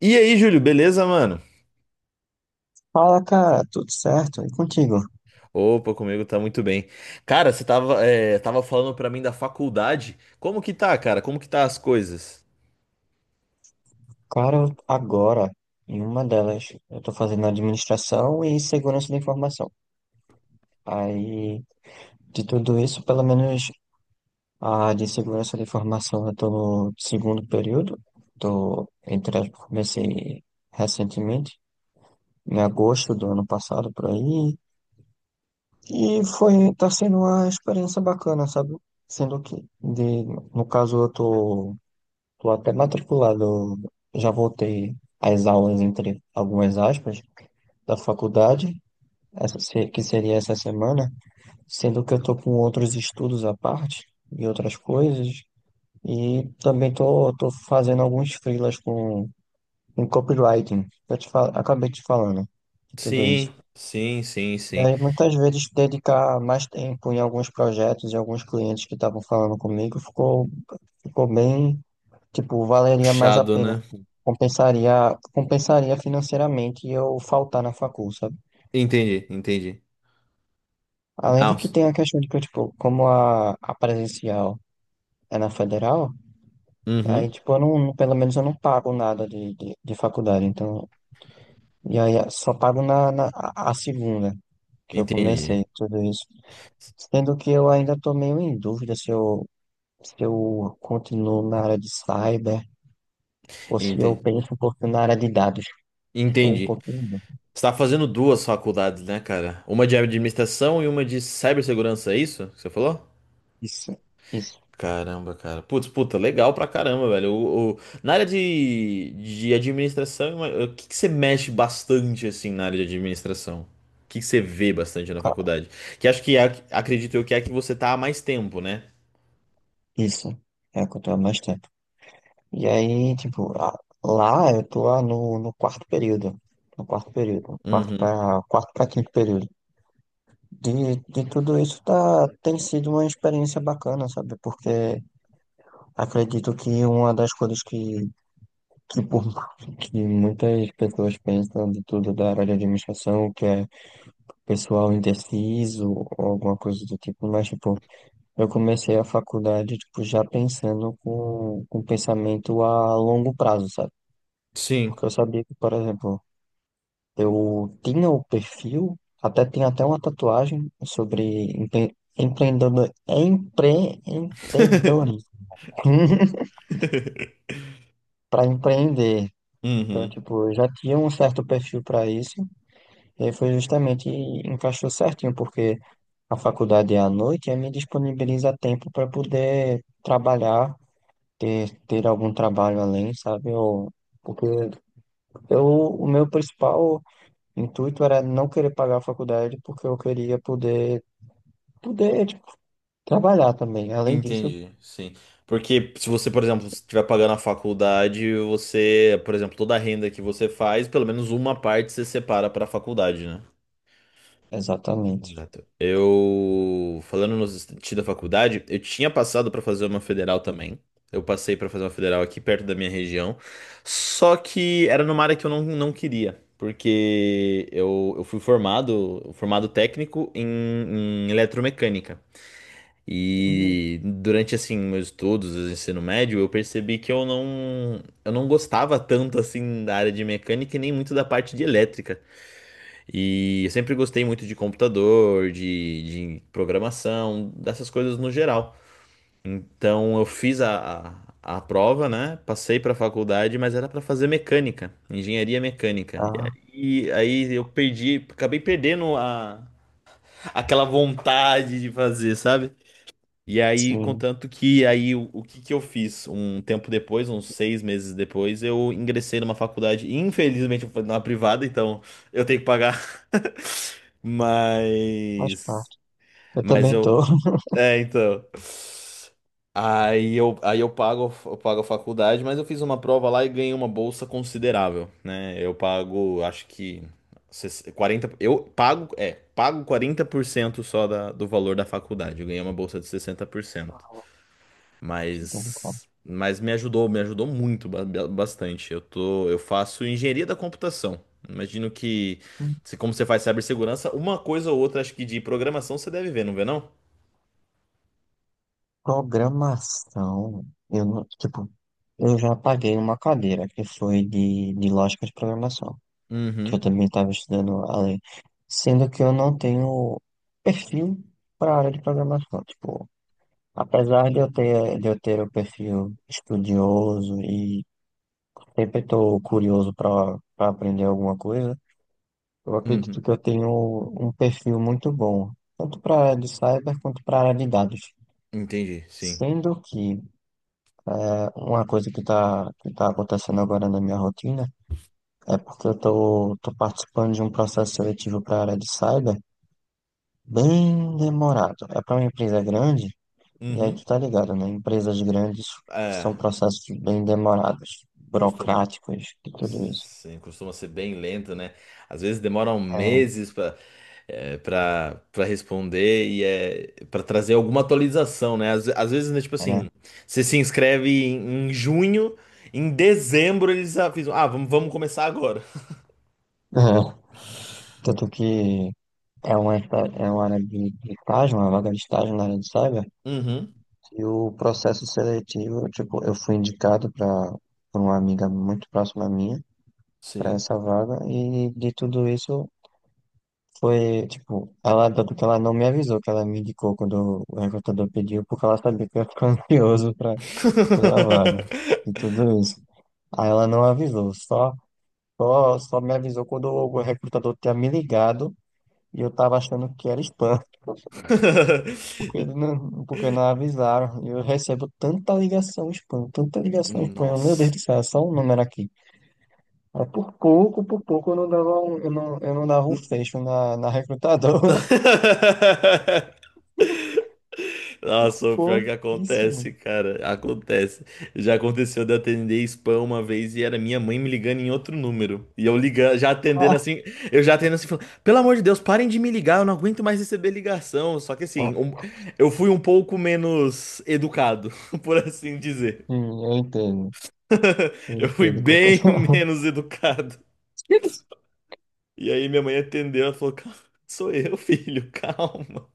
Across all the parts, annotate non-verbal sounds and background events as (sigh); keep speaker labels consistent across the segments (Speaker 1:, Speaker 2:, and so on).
Speaker 1: E aí, Júlio, beleza, mano?
Speaker 2: Fala, cara, tudo certo? E contigo?
Speaker 1: Opa, comigo tá muito bem. Cara, você tava falando pra mim da faculdade. Como que tá, cara? Como que tá as coisas?
Speaker 2: Cara, agora, em uma delas, eu tô fazendo administração e segurança da informação. Aí, de tudo isso, pelo menos a de segurança da informação eu tô no segundo período. Comecei recentemente, em agosto do ano passado, por aí. E tá sendo uma experiência bacana, sabe? Sendo que, no caso, eu tô Estou até matriculado, já voltei às aulas, entre algumas aspas, da faculdade, essa se- que seria essa semana, sendo que eu estou com outros estudos à parte e outras coisas, e também tô fazendo alguns freelas com copywriting, que acabei te falando de tudo isso.
Speaker 1: Sim, sim, sim,
Speaker 2: E
Speaker 1: sim.
Speaker 2: aí, muitas vezes, dedicar mais tempo em alguns projetos e alguns clientes que estavam falando comigo ficou bem. Tipo, valeria mais a
Speaker 1: Puxado,
Speaker 2: pena,
Speaker 1: né?
Speaker 2: tipo, compensaria financeiramente eu faltar na facul, sabe?
Speaker 1: Entendi, entendi.
Speaker 2: Além de que
Speaker 1: Nossa.
Speaker 2: tem a questão de que, tipo, como a presencial é na federal, aí,
Speaker 1: Uhum,
Speaker 2: tipo, eu pelo menos eu não pago nada de faculdade, então, e aí eu só pago na a segunda que eu
Speaker 1: entendi.
Speaker 2: comecei tudo isso. Sendo que eu ainda tô meio em dúvida se eu continuo na área de cyber ou se eu
Speaker 1: Ente-
Speaker 2: penso um pouco na área de dados, estou um
Speaker 1: Entendi.
Speaker 2: pouquinho em dúvida.
Speaker 1: Você tá fazendo duas faculdades, né, cara? Uma de administração e uma de cibersegurança, é isso que você falou?
Speaker 2: Isso, isso.
Speaker 1: Caramba, cara. Putz, puta, legal pra caramba, velho. Na área de administração, o que que você mexe bastante, assim, na área de administração? O que que você vê bastante na faculdade? Que acho que, acredito eu, que é a que você tá há mais tempo, né?
Speaker 2: Isso, é o que eu tô há mais tempo. E aí, tipo, lá eu tô lá no quarto período. No quarto período. um Quarto
Speaker 1: Uhum.
Speaker 2: para quarto para quinto período. De, de tudo isso tá, tem sido uma experiência bacana, sabe? Porque acredito que uma das coisas que, por, que muitas pessoas pensam de tudo da área de administração, que é pessoal indeciso ou alguma coisa do tipo, mas, tipo, eu comecei a faculdade, tipo, já pensando com pensamento a longo prazo, sabe?
Speaker 1: Sim.
Speaker 2: Porque eu sabia que, por exemplo, eu tinha o perfil, até tinha até uma tatuagem sobre empreendedor, empreendedorismo, (laughs)
Speaker 1: (laughs)
Speaker 2: para empreender. Então,
Speaker 1: Uhum.
Speaker 2: tipo, eu já tinha um certo perfil para isso, e aí foi justamente, encaixou certinho, porque a faculdade é à noite e aí me disponibiliza tempo para poder trabalhar ter algum trabalho além, sabe? Porque o meu principal intuito era não querer pagar a faculdade porque eu queria poder, tipo, trabalhar também. Além disso,
Speaker 1: Entendi, sim. Porque se você, por exemplo, estiver pagando a faculdade, você, por exemplo, toda a renda que você faz, pelo menos uma parte você separa pra faculdade, né?
Speaker 2: exatamente.
Speaker 1: Exato. Eu, falando no sentido da faculdade, eu tinha passado pra fazer uma federal também. Eu passei pra fazer uma federal aqui perto da minha região. Só que era numa área que eu não queria, porque eu fui formado, formado técnico em eletromecânica.
Speaker 2: Hum,
Speaker 1: E durante assim meus estudos, o ensino médio, eu percebi que eu não gostava tanto assim da área de mecânica e nem muito da parte de elétrica. E eu sempre gostei muito de computador, de programação, dessas coisas no geral. Então eu fiz a prova, né? Passei para a faculdade, mas era para fazer mecânica, engenharia mecânica.
Speaker 2: ah,
Speaker 1: E aí, eu perdi, acabei perdendo aquela vontade de fazer, sabe? E aí,
Speaker 2: sim,
Speaker 1: contanto que aí o que que eu fiz? Um tempo depois, uns 6 meses depois, eu ingressei numa faculdade, infelizmente, eu fui numa privada, então eu tenho que pagar
Speaker 2: faz
Speaker 1: mas.
Speaker 2: parte. Eu
Speaker 1: Mas
Speaker 2: também
Speaker 1: eu.
Speaker 2: tô.
Speaker 1: É, então. Aí eu pago a faculdade, mas eu fiz uma prova lá e ganhei uma bolsa considerável, né? Eu pago, acho que 60 40, eu pago 40% só da, do valor da faculdade. Eu ganhei uma bolsa de 60%
Speaker 2: (laughs) Que bom, cara.
Speaker 1: mas me ajudou muito, bastante. Eu faço engenharia da computação. Imagino que,
Speaker 2: Hum,
Speaker 1: se como você faz cibersegurança, uma coisa ou outra, acho que de programação você deve ver, não vê não?
Speaker 2: programação. Eu não, tipo, eu já paguei uma cadeira que foi de lógica de programação. Que
Speaker 1: Uhum,
Speaker 2: eu também estava estudando ali, sendo que eu não tenho perfil para a área de programação. Tipo, apesar de eu ter o perfil estudioso e sempre estou curioso para aprender alguma coisa, eu acredito
Speaker 1: uhum.
Speaker 2: que eu tenho um perfil muito bom, tanto para a área de cyber quanto para a área de dados.
Speaker 1: Entendi, sim.
Speaker 2: Sendo que uma coisa que tá acontecendo agora na minha rotina é porque tô participando de um processo seletivo para a área de cyber. Bem demorado. É para uma empresa grande, e aí
Speaker 1: Uhum.
Speaker 2: tu tá ligado, né? Empresas grandes
Speaker 1: É,
Speaker 2: são processos bem demorados,
Speaker 1: costuma.
Speaker 2: burocráticos e tudo isso.
Speaker 1: Sim, costuma ser bem lento, né? Às vezes demoram meses para responder e é para trazer alguma atualização, né? Às vezes, né, tipo
Speaker 2: É, é.
Speaker 1: assim, você se inscreve em junho, em dezembro eles avisam, ah, vamos começar agora.
Speaker 2: (laughs) Tanto que é é uma área de estágio, uma vaga de estágio na área de cyber,
Speaker 1: Uhum,
Speaker 2: e o processo seletivo, tipo, eu fui indicado para por uma amiga muito próxima minha para
Speaker 1: sim.
Speaker 2: essa vaga, e de tudo isso foi, tipo, tanto que ela não me avisou que ela me indicou quando o recrutador pediu, porque ela sabia que eu ia ficar (laughs) ansioso pela vaga
Speaker 1: (laughs)
Speaker 2: e tudo isso. Aí ela não avisou, só me avisou quando o recrutador tinha me ligado e eu tava achando que era spam, (laughs) porque ele não, porque não avisaram. E eu recebo tanta ligação spam, meu Deus
Speaker 1: Nossa.
Speaker 2: do céu, é só um número aqui. Aí por pouco eu não eu não dava um fecho na recrutadora,
Speaker 1: (laughs)
Speaker 2: (laughs) por
Speaker 1: Nossa, o pior
Speaker 2: pouco.
Speaker 1: que
Speaker 2: Isso,
Speaker 1: acontece, cara. Acontece. Já aconteceu de eu atender spam uma vez e era minha mãe me ligando em outro número. E eu ligando, já atendendo
Speaker 2: ah,
Speaker 1: assim, eu já atendendo assim, falando, pelo amor de Deus, parem de me ligar, eu não aguento mais receber ligação. Só que
Speaker 2: ah,
Speaker 1: assim, eu fui um pouco menos educado, (laughs) por assim dizer.
Speaker 2: sim, eu entendo. Eu
Speaker 1: Eu fui
Speaker 2: entendo
Speaker 1: bem (laughs)
Speaker 2: completamente.
Speaker 1: menos educado.
Speaker 2: (laughs)
Speaker 1: E aí minha mãe atendeu, ela falou, "Calma, sou eu, filho, (laughs) calma.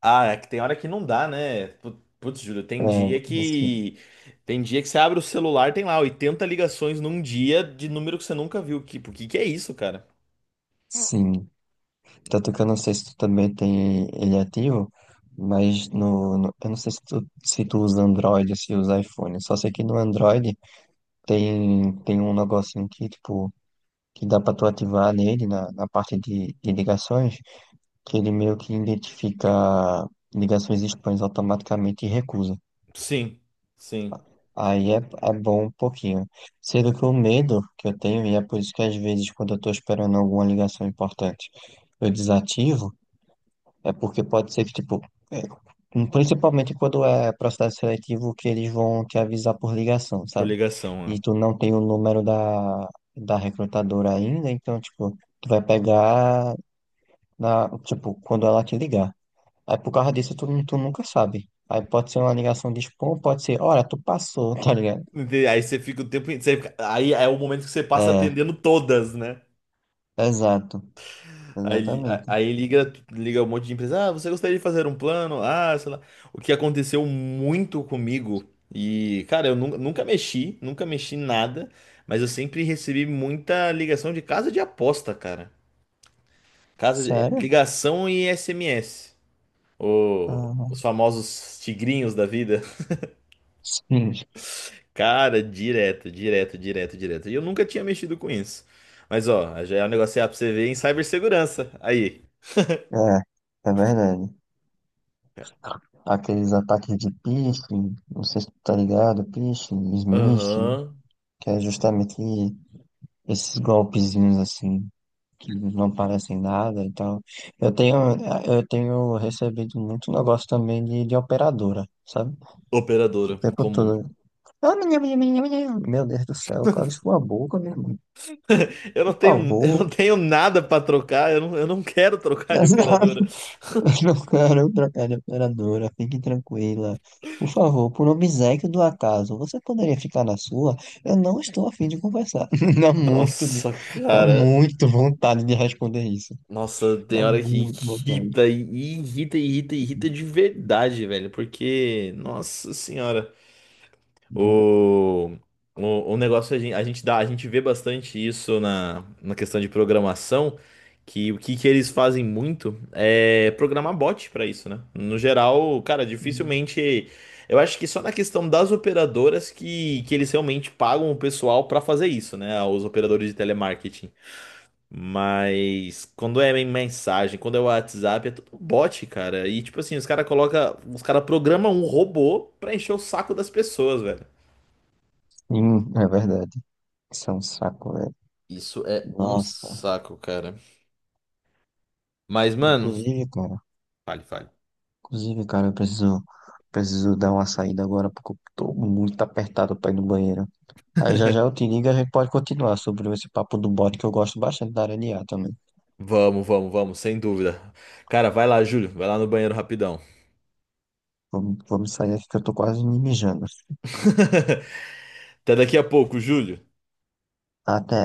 Speaker 1: Ah, é que tem hora que não dá, né? Putz, Júlio,
Speaker 2: É,
Speaker 1: tem dia
Speaker 2: assim,
Speaker 1: que. Tem dia que você abre o celular, tem lá 80 ligações num dia de número que você nunca viu. Que, o que que é isso, cara?
Speaker 2: sim. Tanto que eu não sei se tu também tem ele ativo, mas eu não sei se tu usa Android ou se usa iPhone. Só sei que no Android tem um negocinho tipo, que dá pra tu ativar nele na parte de ligações, que ele meio que identifica ligações spams automaticamente e recusa.
Speaker 1: Sim, sim,
Speaker 2: Aí é bom um pouquinho. Sendo que o medo que eu tenho, e é por isso que às vezes quando eu tô esperando alguma ligação importante, eu desativo, é porque pode ser que, tipo, é, principalmente quando é processo seletivo, que eles vão te avisar por ligação,
Speaker 1: por
Speaker 2: sabe?
Speaker 1: ligação, ó.
Speaker 2: E tu não tem o número da recrutadora ainda, então, tipo, tu vai pegar, tipo, quando ela te ligar. Aí por causa disso, tu nunca sabe. Aí pode ser uma ligação de spam, pode ser, olha, tu passou, (laughs) tá ligado?
Speaker 1: Aí você fica o tempo. Aí é o momento que você passa
Speaker 2: É,
Speaker 1: atendendo todas, né?
Speaker 2: exato,
Speaker 1: Aí,
Speaker 2: exatamente.
Speaker 1: aí liga um monte de empresa. Ah, você gostaria de fazer um plano? Ah, sei lá. O que aconteceu muito comigo. E, cara, eu nunca mexi nada, mas eu sempre recebi muita ligação de casa de aposta, cara. Casa de,
Speaker 2: Sério?
Speaker 1: ligação e SMS. Os
Speaker 2: Ah,
Speaker 1: famosos tigrinhos da vida. (laughs)
Speaker 2: sim,
Speaker 1: Cara, direto, direto, direto, direto. E eu nunca tinha mexido com isso. Mas, ó, já é um negócio aí pra você ver em cibersegurança. Aí.
Speaker 2: é, é verdade. Aqueles ataques de phishing, não sei se tu tá ligado, phishing, smishing,
Speaker 1: Aham.
Speaker 2: que é justamente esses golpezinhos assim, que não parecem nada e tal. Eu tenho, eu tenho recebido muito negócio também de operadora, sabe? O
Speaker 1: Operadora
Speaker 2: tempo
Speaker 1: comum.
Speaker 2: todo. Ah, minha, minha, minha, minha. Meu Deus do céu, cala sua boca, meu irmão,
Speaker 1: (laughs) Eu não
Speaker 2: por
Speaker 1: tenho, eu
Speaker 2: favor.
Speaker 1: não tenho nada pra trocar, eu não quero trocar de operadora.
Speaker 2: (laughs) (laughs) Não quero trocar de operadora, fique tranquila. Por favor, por obséquio do acaso, você poderia ficar na sua? Eu não estou afim de conversar. (laughs) Dá muito,
Speaker 1: Nossa,
Speaker 2: dá
Speaker 1: cara.
Speaker 2: muito vontade de responder isso.
Speaker 1: Nossa,
Speaker 2: Dá
Speaker 1: tem hora que
Speaker 2: muito vontade.
Speaker 1: irrita, e irrita, irrita, irrita de verdade, velho. Porque, nossa senhora.
Speaker 2: Nossa.
Speaker 1: O, o negócio é a gente dá, a gente vê bastante isso na questão de programação, que que eles fazem muito é programar bot para isso, né? No geral, cara, dificilmente. Eu acho que só na questão das operadoras que eles realmente pagam o pessoal para fazer isso, né? Os operadores de telemarketing. Mas quando é em mensagem, quando é WhatsApp, é tudo bot, cara. E tipo assim, os cara coloca, os cara programam um robô pra encher o saco das pessoas, velho.
Speaker 2: Sim, é verdade. Isso é um saco, velho.
Speaker 1: Isso é um
Speaker 2: Nossa.
Speaker 1: saco, cara. Mas, mano,
Speaker 2: Inclusive, cara,
Speaker 1: fale, fale.
Speaker 2: Inclusive, cara, preciso dar uma saída agora porque eu tô muito apertado pra ir no banheiro. Aí já já eu te ligo, e a gente pode continuar sobre esse papo do bode que eu gosto bastante da área de IA também.
Speaker 1: Vamos, vamos, vamos, sem dúvida. Cara, vai lá, Júlio, vai lá no banheiro rapidão.
Speaker 2: Vamos, vamos sair aqui que eu tô quase me mijando.
Speaker 1: (laughs) Até daqui a pouco, Júlio.
Speaker 2: Até.